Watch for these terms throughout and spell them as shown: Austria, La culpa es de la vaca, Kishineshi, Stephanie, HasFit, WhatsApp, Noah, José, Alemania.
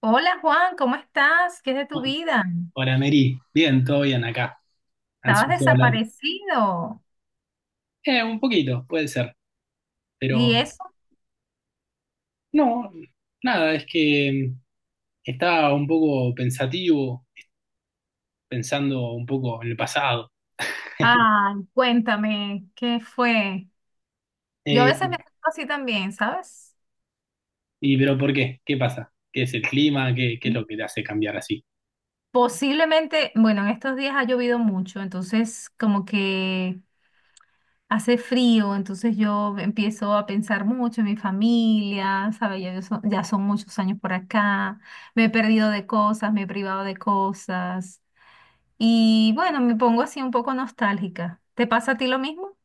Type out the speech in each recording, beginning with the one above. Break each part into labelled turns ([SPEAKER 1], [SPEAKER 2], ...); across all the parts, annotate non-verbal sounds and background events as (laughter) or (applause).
[SPEAKER 1] Hola Juan, ¿cómo estás? ¿Qué es de tu
[SPEAKER 2] Bueno,
[SPEAKER 1] vida?
[SPEAKER 2] hola Mary, bien, todo bien acá.
[SPEAKER 1] Estabas
[SPEAKER 2] Ansioso de hablar.
[SPEAKER 1] desaparecido.
[SPEAKER 2] Un poquito, puede ser,
[SPEAKER 1] ¿Y
[SPEAKER 2] pero
[SPEAKER 1] eso?
[SPEAKER 2] no, nada, es que estaba un poco pensativo, pensando un poco en el pasado. (laughs)
[SPEAKER 1] Ah, cuéntame, ¿qué fue? Yo a
[SPEAKER 2] Eh,
[SPEAKER 1] veces me siento así también, ¿sabes?
[SPEAKER 2] ¿Pero por qué? ¿Qué pasa? ¿Qué es el clima? ¿Qué es lo que te hace cambiar así?
[SPEAKER 1] Posiblemente, bueno, en estos días ha llovido mucho, entonces como que hace frío, entonces yo empiezo a pensar mucho en mi familia, ¿sabes? Ya, ya son muchos años por acá, me he perdido de cosas, me he privado de cosas. Y bueno, me pongo así un poco nostálgica. ¿Te pasa a ti lo mismo?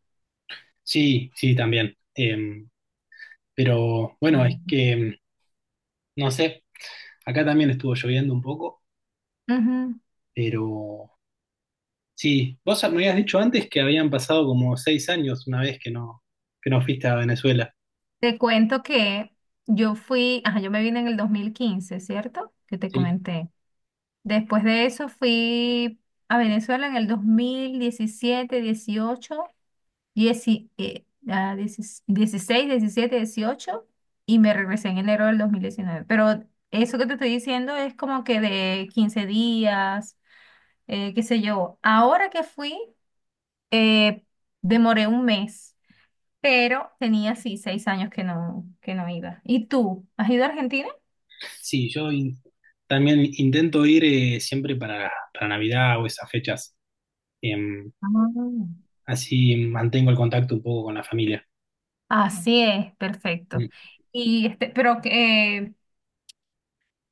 [SPEAKER 2] Sí, sí, también. Pero bueno, es que, no sé, acá también estuvo lloviendo un poco,
[SPEAKER 1] Ujú.
[SPEAKER 2] pero sí, vos me habías dicho antes que habían pasado como seis años una vez que no fuiste a Venezuela.
[SPEAKER 1] Te cuento que yo fui, ajá, yo me vine en el 2015, ¿cierto? Que te
[SPEAKER 2] Sí,
[SPEAKER 1] comenté. Después de eso fui a Venezuela en el 2017, 18, 10, 16, 17, 18 y me regresé en enero del 2019. Pero eso que te estoy diciendo es como que de 15 días, qué sé yo. Ahora que fui... Eh, demoré un mes, pero tenía así 6 años que no iba. ¿Y tú? ¿Has ido a Argentina?
[SPEAKER 2] sí, también intento ir siempre para Navidad o esas fechas. Em,
[SPEAKER 1] Ah.
[SPEAKER 2] Así mantengo el contacto un poco con la familia.
[SPEAKER 1] Así es, perfecto.
[SPEAKER 2] Mm,
[SPEAKER 1] Y este, pero que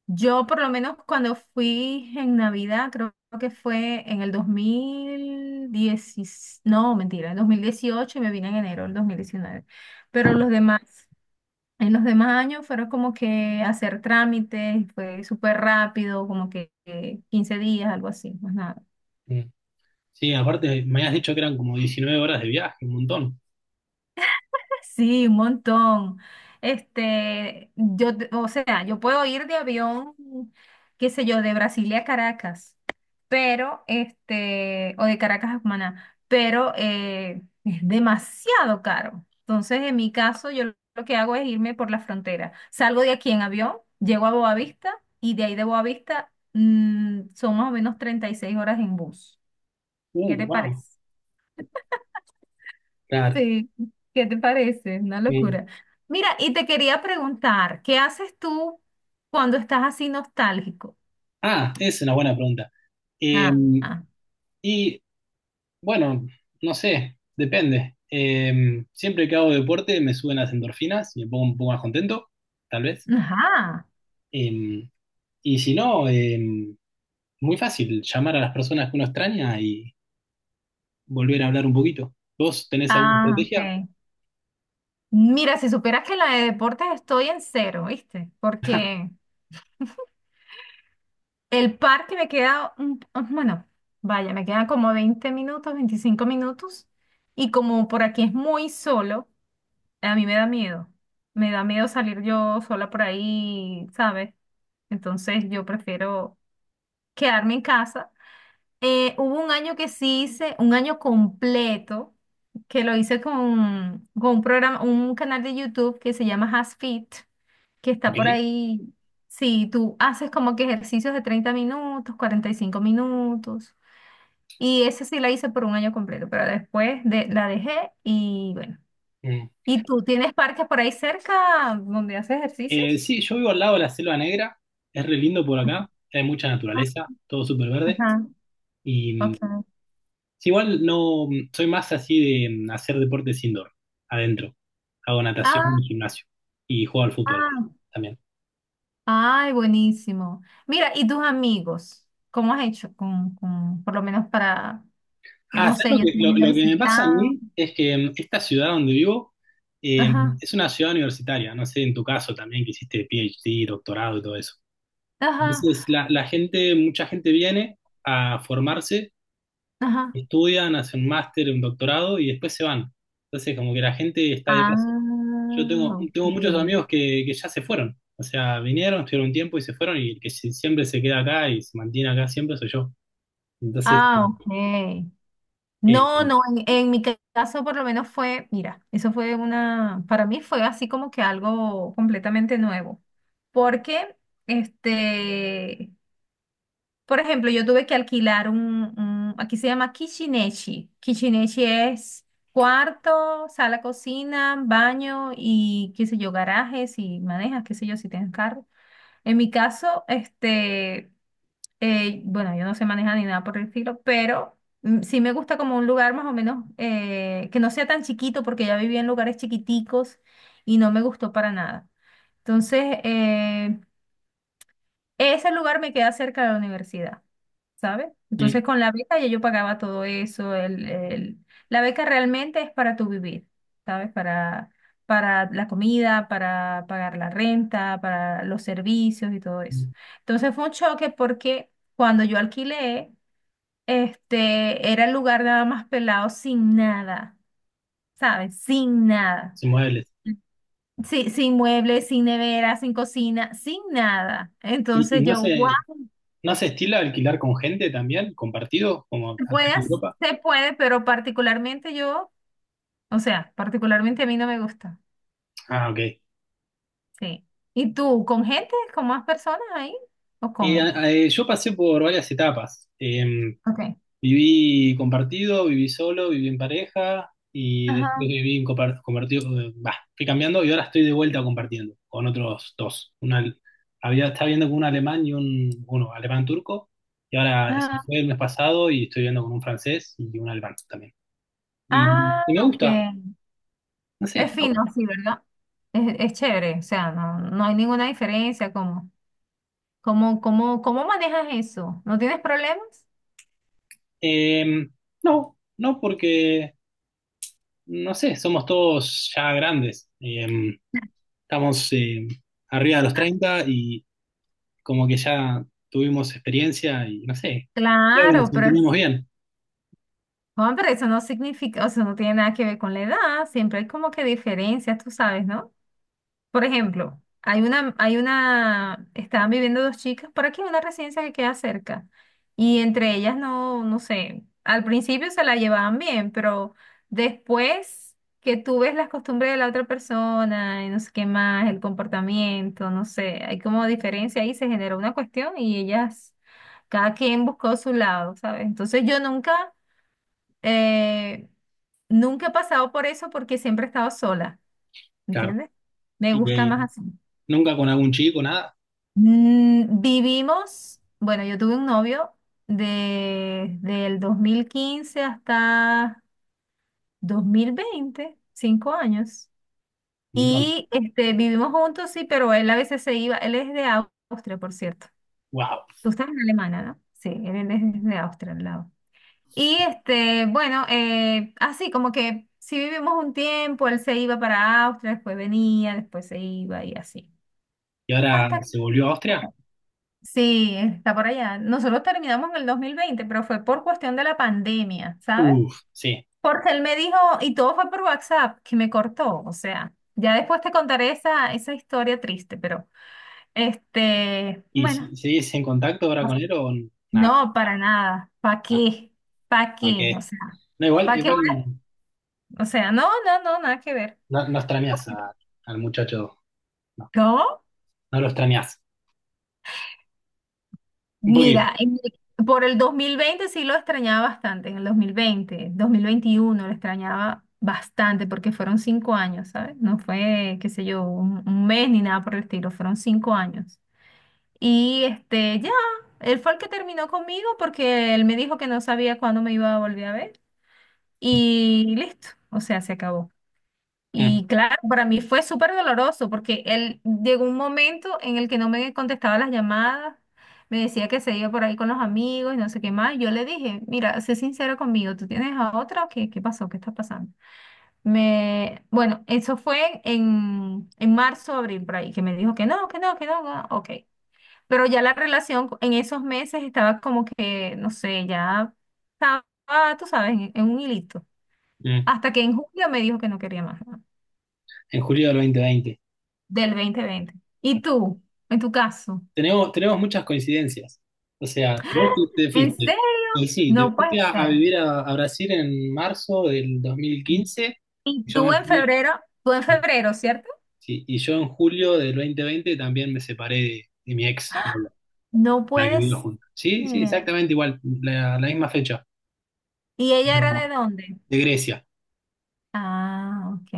[SPEAKER 1] yo por lo menos cuando fui en Navidad, creo que fue en el 2010, no, mentira, en 2018 y me vine en enero del 2019. Pero los demás En los demás años fueron como que hacer trámites, fue súper rápido, como que 15 días, algo así, más nada.
[SPEAKER 2] mm. Sí, aparte me habías dicho que eran como 19 horas de viaje, un montón.
[SPEAKER 1] Sí, un montón. Este, yo, o sea, yo puedo ir de avión, qué sé yo, de Brasilia a Caracas, pero, este, o de Caracas a Cumaná, pero es demasiado caro. Entonces, en mi caso, yo lo que hago es irme por la frontera. Salgo de aquí en avión, llego a Boavista y de ahí de Boavista son más o menos 36 horas en bus. ¿Qué te
[SPEAKER 2] Wow.
[SPEAKER 1] parece?
[SPEAKER 2] Claro.
[SPEAKER 1] Sí, ¿qué te parece? Una
[SPEAKER 2] Eh,
[SPEAKER 1] locura. Mira, y te quería preguntar, ¿qué haces tú cuando estás así nostálgico?
[SPEAKER 2] es una buena pregunta.
[SPEAKER 1] Ah,
[SPEAKER 2] Em,
[SPEAKER 1] ah,
[SPEAKER 2] y Bueno, no sé, depende. Siempre que hago deporte me suben las endorfinas y me pongo un poco más contento, tal vez.
[SPEAKER 1] ajá.
[SPEAKER 2] Em, si no, muy fácil llamar a las personas que uno extraña y volver a hablar un poquito. ¿Vos tenés alguna
[SPEAKER 1] Ah,
[SPEAKER 2] estrategia?
[SPEAKER 1] ok. Mira, si supieras que en la de deportes estoy en cero, ¿viste? Porque el parque me queda, ah, bueno, vaya, me quedan como 20 minutos, 25 minutos, y como por aquí es muy solo, a mí me da miedo. Me da miedo salir yo sola por ahí, ¿sabes? Entonces yo prefiero quedarme en casa. Hubo un año que sí hice, un año completo, que lo hice con un programa, un canal de YouTube que se llama HasFit, que está
[SPEAKER 2] Ok.
[SPEAKER 1] por ahí. Sí, tú haces como que ejercicios de 30 minutos, 45 minutos. Y ese sí la hice por un año completo, pero después de, la dejé y bueno.
[SPEAKER 2] Mm.
[SPEAKER 1] ¿Y tú tienes parques por ahí cerca donde haces ejercicios?
[SPEAKER 2] Sí, yo vivo al lado de la Selva Negra, es re lindo por acá, hay mucha naturaleza, todo súper verde.
[SPEAKER 1] Ajá,
[SPEAKER 2] Y
[SPEAKER 1] ok.
[SPEAKER 2] sí, igual no, soy más así de hacer deportes indoor, adentro. Hago
[SPEAKER 1] Ah,
[SPEAKER 2] natación y gimnasio y juego al fútbol
[SPEAKER 1] ah,
[SPEAKER 2] también.
[SPEAKER 1] ay, buenísimo. Mira, ¿y tus amigos? ¿Cómo has hecho con, por lo menos para,
[SPEAKER 2] Ah,
[SPEAKER 1] no
[SPEAKER 2] ¿sabes
[SPEAKER 1] sé,
[SPEAKER 2] lo
[SPEAKER 1] yo
[SPEAKER 2] que,
[SPEAKER 1] te he ido
[SPEAKER 2] lo que me pasa a
[SPEAKER 1] visitado.
[SPEAKER 2] mí? Es que esta ciudad donde vivo eh,
[SPEAKER 1] Ajá,
[SPEAKER 2] es una ciudad universitaria, no sé, en tu caso también que hiciste PhD, doctorado y todo eso.
[SPEAKER 1] ajá,
[SPEAKER 2] Entonces, la gente, mucha gente viene a formarse,
[SPEAKER 1] ajá.
[SPEAKER 2] estudian, hacen un máster, un doctorado y después se van. Entonces, como que la gente está de paso.
[SPEAKER 1] Ah,
[SPEAKER 2] Yo tengo, tengo muchos amigos
[SPEAKER 1] ok.
[SPEAKER 2] que ya se fueron. O sea, vinieron, estuvieron un tiempo y se fueron, y el que siempre se queda acá y se mantiene acá siempre soy yo. Entonces,
[SPEAKER 1] Ah, ok.
[SPEAKER 2] eh,
[SPEAKER 1] No, no, en mi caso por lo menos fue, mira, eso fue una, para mí fue así como que algo completamente nuevo, porque este, por ejemplo, yo tuve que alquilar un, aquí se llama Kishineshi. Kishineshi es cuarto, sala, cocina, baño y qué sé yo, garajes y manejas, qué sé yo, si tienes carro. En mi caso, este, bueno, yo no sé manejar ni nada por el estilo, pero sí me gusta como un lugar más o menos que no sea tan chiquito, porque ya viví en lugares chiquiticos y no me gustó para nada. Entonces, ese lugar me queda cerca de la universidad, ¿sabes?
[SPEAKER 2] mm,
[SPEAKER 1] Entonces con la beca ya yo pagaba todo eso. La beca realmente es para tu vivir, ¿sabes? Para la comida, para pagar la renta, para los servicios y todo eso.
[SPEAKER 2] mm,
[SPEAKER 1] Entonces fue un choque porque cuando yo alquilé, este, era el lugar nada más pelado sin nada, ¿sabes? Sin nada.
[SPEAKER 2] sin modales.
[SPEAKER 1] Sí, sin muebles, sin nevera, sin cocina, sin nada.
[SPEAKER 2] ¿Y
[SPEAKER 1] Entonces
[SPEAKER 2] no
[SPEAKER 1] yo,
[SPEAKER 2] se, no se estila alquilar con gente también, compartido, como acá en
[SPEAKER 1] puedes,
[SPEAKER 2] Europa?
[SPEAKER 1] se puede, pero particularmente yo, o sea, particularmente a mí no me gusta.
[SPEAKER 2] Ah, ok.
[SPEAKER 1] Sí. ¿Y tú, con gente, con más personas ahí? ¿O cómo?
[SPEAKER 2] Yo pasé por varias etapas.
[SPEAKER 1] Ok.
[SPEAKER 2] Viví compartido, viví solo, viví en pareja y después
[SPEAKER 1] Ajá,
[SPEAKER 2] viví en compartido, bah, fui cambiando y ahora estoy de vuelta compartiendo con otros dos. Una, había, estaba viendo con un alemán y un, uno, alemán turco y ahora se
[SPEAKER 1] ajá.
[SPEAKER 2] fue el mes pasado y estoy viendo con un francés y un alemán también. Y,
[SPEAKER 1] Ah,
[SPEAKER 2] y me
[SPEAKER 1] ok.
[SPEAKER 2] gusta, no sé.
[SPEAKER 1] Es fino, sí, ¿verdad? Es chévere, o sea, no, no hay ninguna diferencia. ¿Cómo manejas eso? ¿No tienes problemas?
[SPEAKER 2] Eh, no, no porque, no sé, somos todos ya grandes. Estamos arriba de los treinta y como que ya tuvimos experiencia y no sé, creo que nos
[SPEAKER 1] Claro, pero,
[SPEAKER 2] entendemos bien,
[SPEAKER 1] Juan, pero eso no significa, o sea, no tiene nada que ver con la edad, siempre hay como que diferencias, tú sabes, ¿no? Por ejemplo, hay una, estaban viviendo dos chicas por aquí en una residencia que queda cerca. Y entre ellas no, no sé, al principio se la llevaban bien, pero después que tú ves las costumbres de la otra persona y no sé qué más, el comportamiento, no sé, hay como diferencia ahí, se generó una cuestión y ellas, cada quien buscó su lado, ¿sabes? Entonces yo nunca, eh, nunca he pasado por eso porque siempre he estado sola,
[SPEAKER 2] claro.
[SPEAKER 1] ¿entiendes? Me
[SPEAKER 2] Y
[SPEAKER 1] gusta más así.
[SPEAKER 2] nunca con algún chico, nada,
[SPEAKER 1] Mm, vivimos, bueno, yo tuve un novio del 2015 hasta 2020, 5 años.
[SPEAKER 2] un montón.
[SPEAKER 1] Y este, vivimos juntos, sí, pero él a veces se iba, él es de Austria, por cierto.
[SPEAKER 2] Wow.
[SPEAKER 1] Tú estás en Alemania, ¿no? Sí, él es de Austria, al lado. Y este, bueno, así como que si vivimos un tiempo, él se iba para Austria, después venía, después se iba y así.
[SPEAKER 2] ¿Y
[SPEAKER 1] Hasta
[SPEAKER 2] ahora se volvió a Austria?
[SPEAKER 1] Sí, está por allá. Nosotros terminamos en el 2020, pero fue por cuestión de la pandemia, ¿sabes?
[SPEAKER 2] Uf, sí.
[SPEAKER 1] Porque él me dijo, y todo fue por WhatsApp, que me cortó. O sea, ya después te contaré esa historia triste, pero este,
[SPEAKER 2] ¿Y
[SPEAKER 1] bueno,
[SPEAKER 2] si, seguís en contacto ahora con él o nada?
[SPEAKER 1] no, para nada. ¿Para
[SPEAKER 2] Nada.
[SPEAKER 1] qué? ¿Para
[SPEAKER 2] Ok.
[SPEAKER 1] qué? O sea,
[SPEAKER 2] No, igual,
[SPEAKER 1] ¿para qué?
[SPEAKER 2] igual
[SPEAKER 1] O sea, no, no, no, nada que ver.
[SPEAKER 2] no, no extrañás al muchacho, no,
[SPEAKER 1] ¿Cómo?
[SPEAKER 2] no lo extrañás. Un poquito.
[SPEAKER 1] Mira, por el 2020 sí lo extrañaba bastante, en el 2020, 2021 lo extrañaba bastante porque fueron 5 años, ¿sabes? No fue, qué sé yo, un mes ni nada por el estilo, fueron 5 años. Y este, ya, él fue el que terminó conmigo porque él me dijo que no sabía cuándo me iba a volver a ver y listo, o sea, se acabó.
[SPEAKER 2] Mm,
[SPEAKER 1] Y claro, para mí fue súper doloroso porque él llegó un momento en el que no me contestaba las llamadas, me decía que se iba por ahí con los amigos y no sé qué más. Yo le dije, mira, sé sincero conmigo, ¿tú tienes a otra o qué, qué pasó? ¿Qué está pasando? Me, bueno, eso fue en marzo, abril, por ahí, que me dijo que no, que no, que no, no, ok. Pero ya la relación en esos meses estaba como que, no sé, ya estaba, tú sabes, en un hilito.
[SPEAKER 2] mm.
[SPEAKER 1] Hasta que en julio me dijo que no quería más.
[SPEAKER 2] En julio del 2020.
[SPEAKER 1] Del 2020. ¿Y tú? En tu caso.
[SPEAKER 2] Tenemos, tenemos muchas coincidencias. O sea, vos te, te
[SPEAKER 1] ¿En
[SPEAKER 2] fuiste.
[SPEAKER 1] serio?
[SPEAKER 2] Y sí, te
[SPEAKER 1] No puede
[SPEAKER 2] fuiste a
[SPEAKER 1] ser.
[SPEAKER 2] vivir a Brasil en marzo del 2015.
[SPEAKER 1] ¿Y
[SPEAKER 2] Yo
[SPEAKER 1] tú
[SPEAKER 2] me
[SPEAKER 1] en
[SPEAKER 2] fui,
[SPEAKER 1] febrero? Tú en febrero, ¿cierto?
[SPEAKER 2] sí, y yo en julio del 2020 también me separé de mi ex,
[SPEAKER 1] No
[SPEAKER 2] la que
[SPEAKER 1] puede
[SPEAKER 2] vivimos
[SPEAKER 1] ser.
[SPEAKER 2] juntos. Sí, sí, exactamente igual, la misma fecha,
[SPEAKER 1] ¿Y
[SPEAKER 2] pero
[SPEAKER 1] ella era de dónde?
[SPEAKER 2] de Grecia,
[SPEAKER 1] Ah, ok,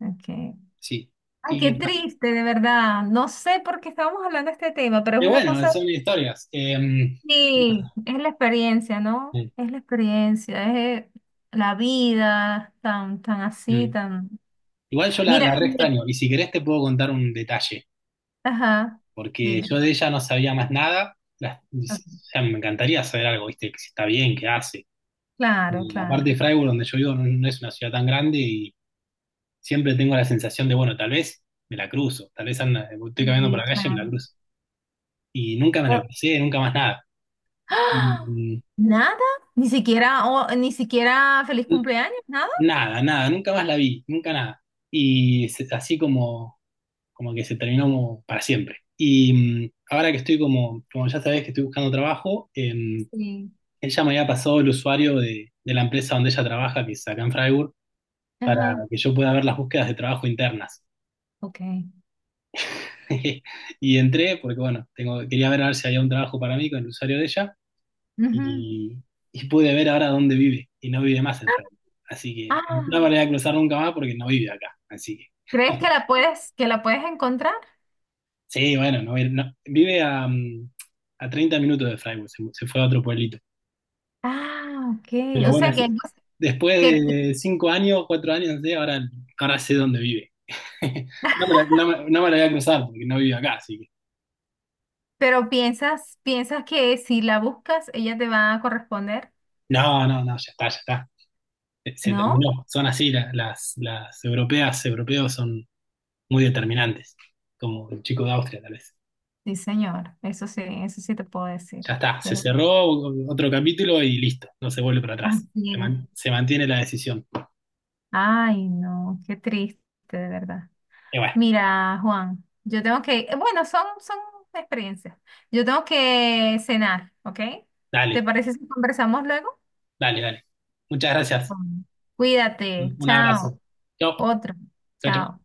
[SPEAKER 1] ok.
[SPEAKER 2] sí.
[SPEAKER 1] Ay, qué
[SPEAKER 2] Y,
[SPEAKER 1] triste, de verdad. No sé por qué estábamos hablando de este tema, pero es
[SPEAKER 2] y
[SPEAKER 1] una
[SPEAKER 2] bueno,
[SPEAKER 1] cosa,
[SPEAKER 2] son historias.
[SPEAKER 1] sí, es la experiencia, ¿no?
[SPEAKER 2] Mm,
[SPEAKER 1] Es la experiencia, es la vida, tan, tan así,
[SPEAKER 2] mm.
[SPEAKER 1] tan.
[SPEAKER 2] Igual yo
[SPEAKER 1] Mira,
[SPEAKER 2] la re extraño, y si querés te puedo contar un detalle.
[SPEAKER 1] ajá,
[SPEAKER 2] Porque
[SPEAKER 1] dime.
[SPEAKER 2] yo de ella no sabía más nada. O sea, me encantaría saber algo, ¿viste? Que si está bien, qué hace.
[SPEAKER 1] Claro,
[SPEAKER 2] Y
[SPEAKER 1] claro,
[SPEAKER 2] aparte, Freiburg, donde yo vivo, no, no es una ciudad tan grande y siempre tengo la sensación de, bueno, tal vez me la cruzo, tal vez anda, estoy caminando por
[SPEAKER 1] sí,
[SPEAKER 2] la calle y me la
[SPEAKER 1] claro.
[SPEAKER 2] cruzo. Y nunca me la
[SPEAKER 1] Ah,
[SPEAKER 2] crucé, nunca más nada.
[SPEAKER 1] ¡ah!
[SPEAKER 2] Mm,
[SPEAKER 1] ¿Nada? Ni siquiera, oh, ni siquiera feliz cumpleaños, nada.
[SPEAKER 2] nada, nada, nunca más la vi, nunca nada. Así como, como que se terminó como para siempre. Y ahora que estoy como, como ya sabés que estoy buscando trabajo,
[SPEAKER 1] Sí.
[SPEAKER 2] ella me había pasado el usuario de la empresa donde ella trabaja, que es acá en Freiburg, para
[SPEAKER 1] Ajá,
[SPEAKER 2] que yo pueda ver las búsquedas de trabajo internas.
[SPEAKER 1] ok.
[SPEAKER 2] (laughs) Y entré porque, bueno, tengo, quería ver a ver si había un trabajo para mí con el usuario de ella
[SPEAKER 1] Ujú.
[SPEAKER 2] y, y pude ver ahora dónde vive y no vive más en Freiburg. Así que no me
[SPEAKER 1] Ah,
[SPEAKER 2] voy a cruzar nunca más porque no vive acá. Así que,
[SPEAKER 1] ¿crees que la puedes, encontrar?
[SPEAKER 2] sí, bueno, no, vive a, a 30 minutos de Freiburg, se fue a otro pueblito.
[SPEAKER 1] Ah, ok.
[SPEAKER 2] Pero
[SPEAKER 1] O
[SPEAKER 2] bueno,
[SPEAKER 1] sea
[SPEAKER 2] es-
[SPEAKER 1] que,
[SPEAKER 2] Después
[SPEAKER 1] que,
[SPEAKER 2] de cinco años, cuatro años, no sé, ahora, ahora sé dónde vive. (laughs) No me la voy a cruzar porque no vivo acá, así que.
[SPEAKER 1] pero piensas, que si la buscas, ella te va a corresponder,
[SPEAKER 2] No, no, no, ya está, ya está. Se
[SPEAKER 1] ¿no?
[SPEAKER 2] terminó. Son así, las europeas, europeos son muy determinantes, como el chico de Austria, tal vez.
[SPEAKER 1] Sí, señor. Eso sí te puedo decir.
[SPEAKER 2] Ya está, se
[SPEAKER 1] Pero
[SPEAKER 2] cerró otro capítulo y listo, no se vuelve para atrás.
[SPEAKER 1] Así
[SPEAKER 2] Se,
[SPEAKER 1] es.
[SPEAKER 2] man- se mantiene la decisión.
[SPEAKER 1] Ay, no, qué triste, de verdad.
[SPEAKER 2] Y bueno,
[SPEAKER 1] Mira, Juan, yo tengo que, bueno, son experiencias. Yo tengo que cenar, ¿ok? ¿Te
[SPEAKER 2] dale,
[SPEAKER 1] parece si conversamos luego?
[SPEAKER 2] dale, dale. Muchas gracias.
[SPEAKER 1] Bueno.
[SPEAKER 2] Un
[SPEAKER 1] Cuídate,
[SPEAKER 2] un
[SPEAKER 1] chao.
[SPEAKER 2] abrazo. Chao,
[SPEAKER 1] Otro,
[SPEAKER 2] chao, chao.
[SPEAKER 1] chao.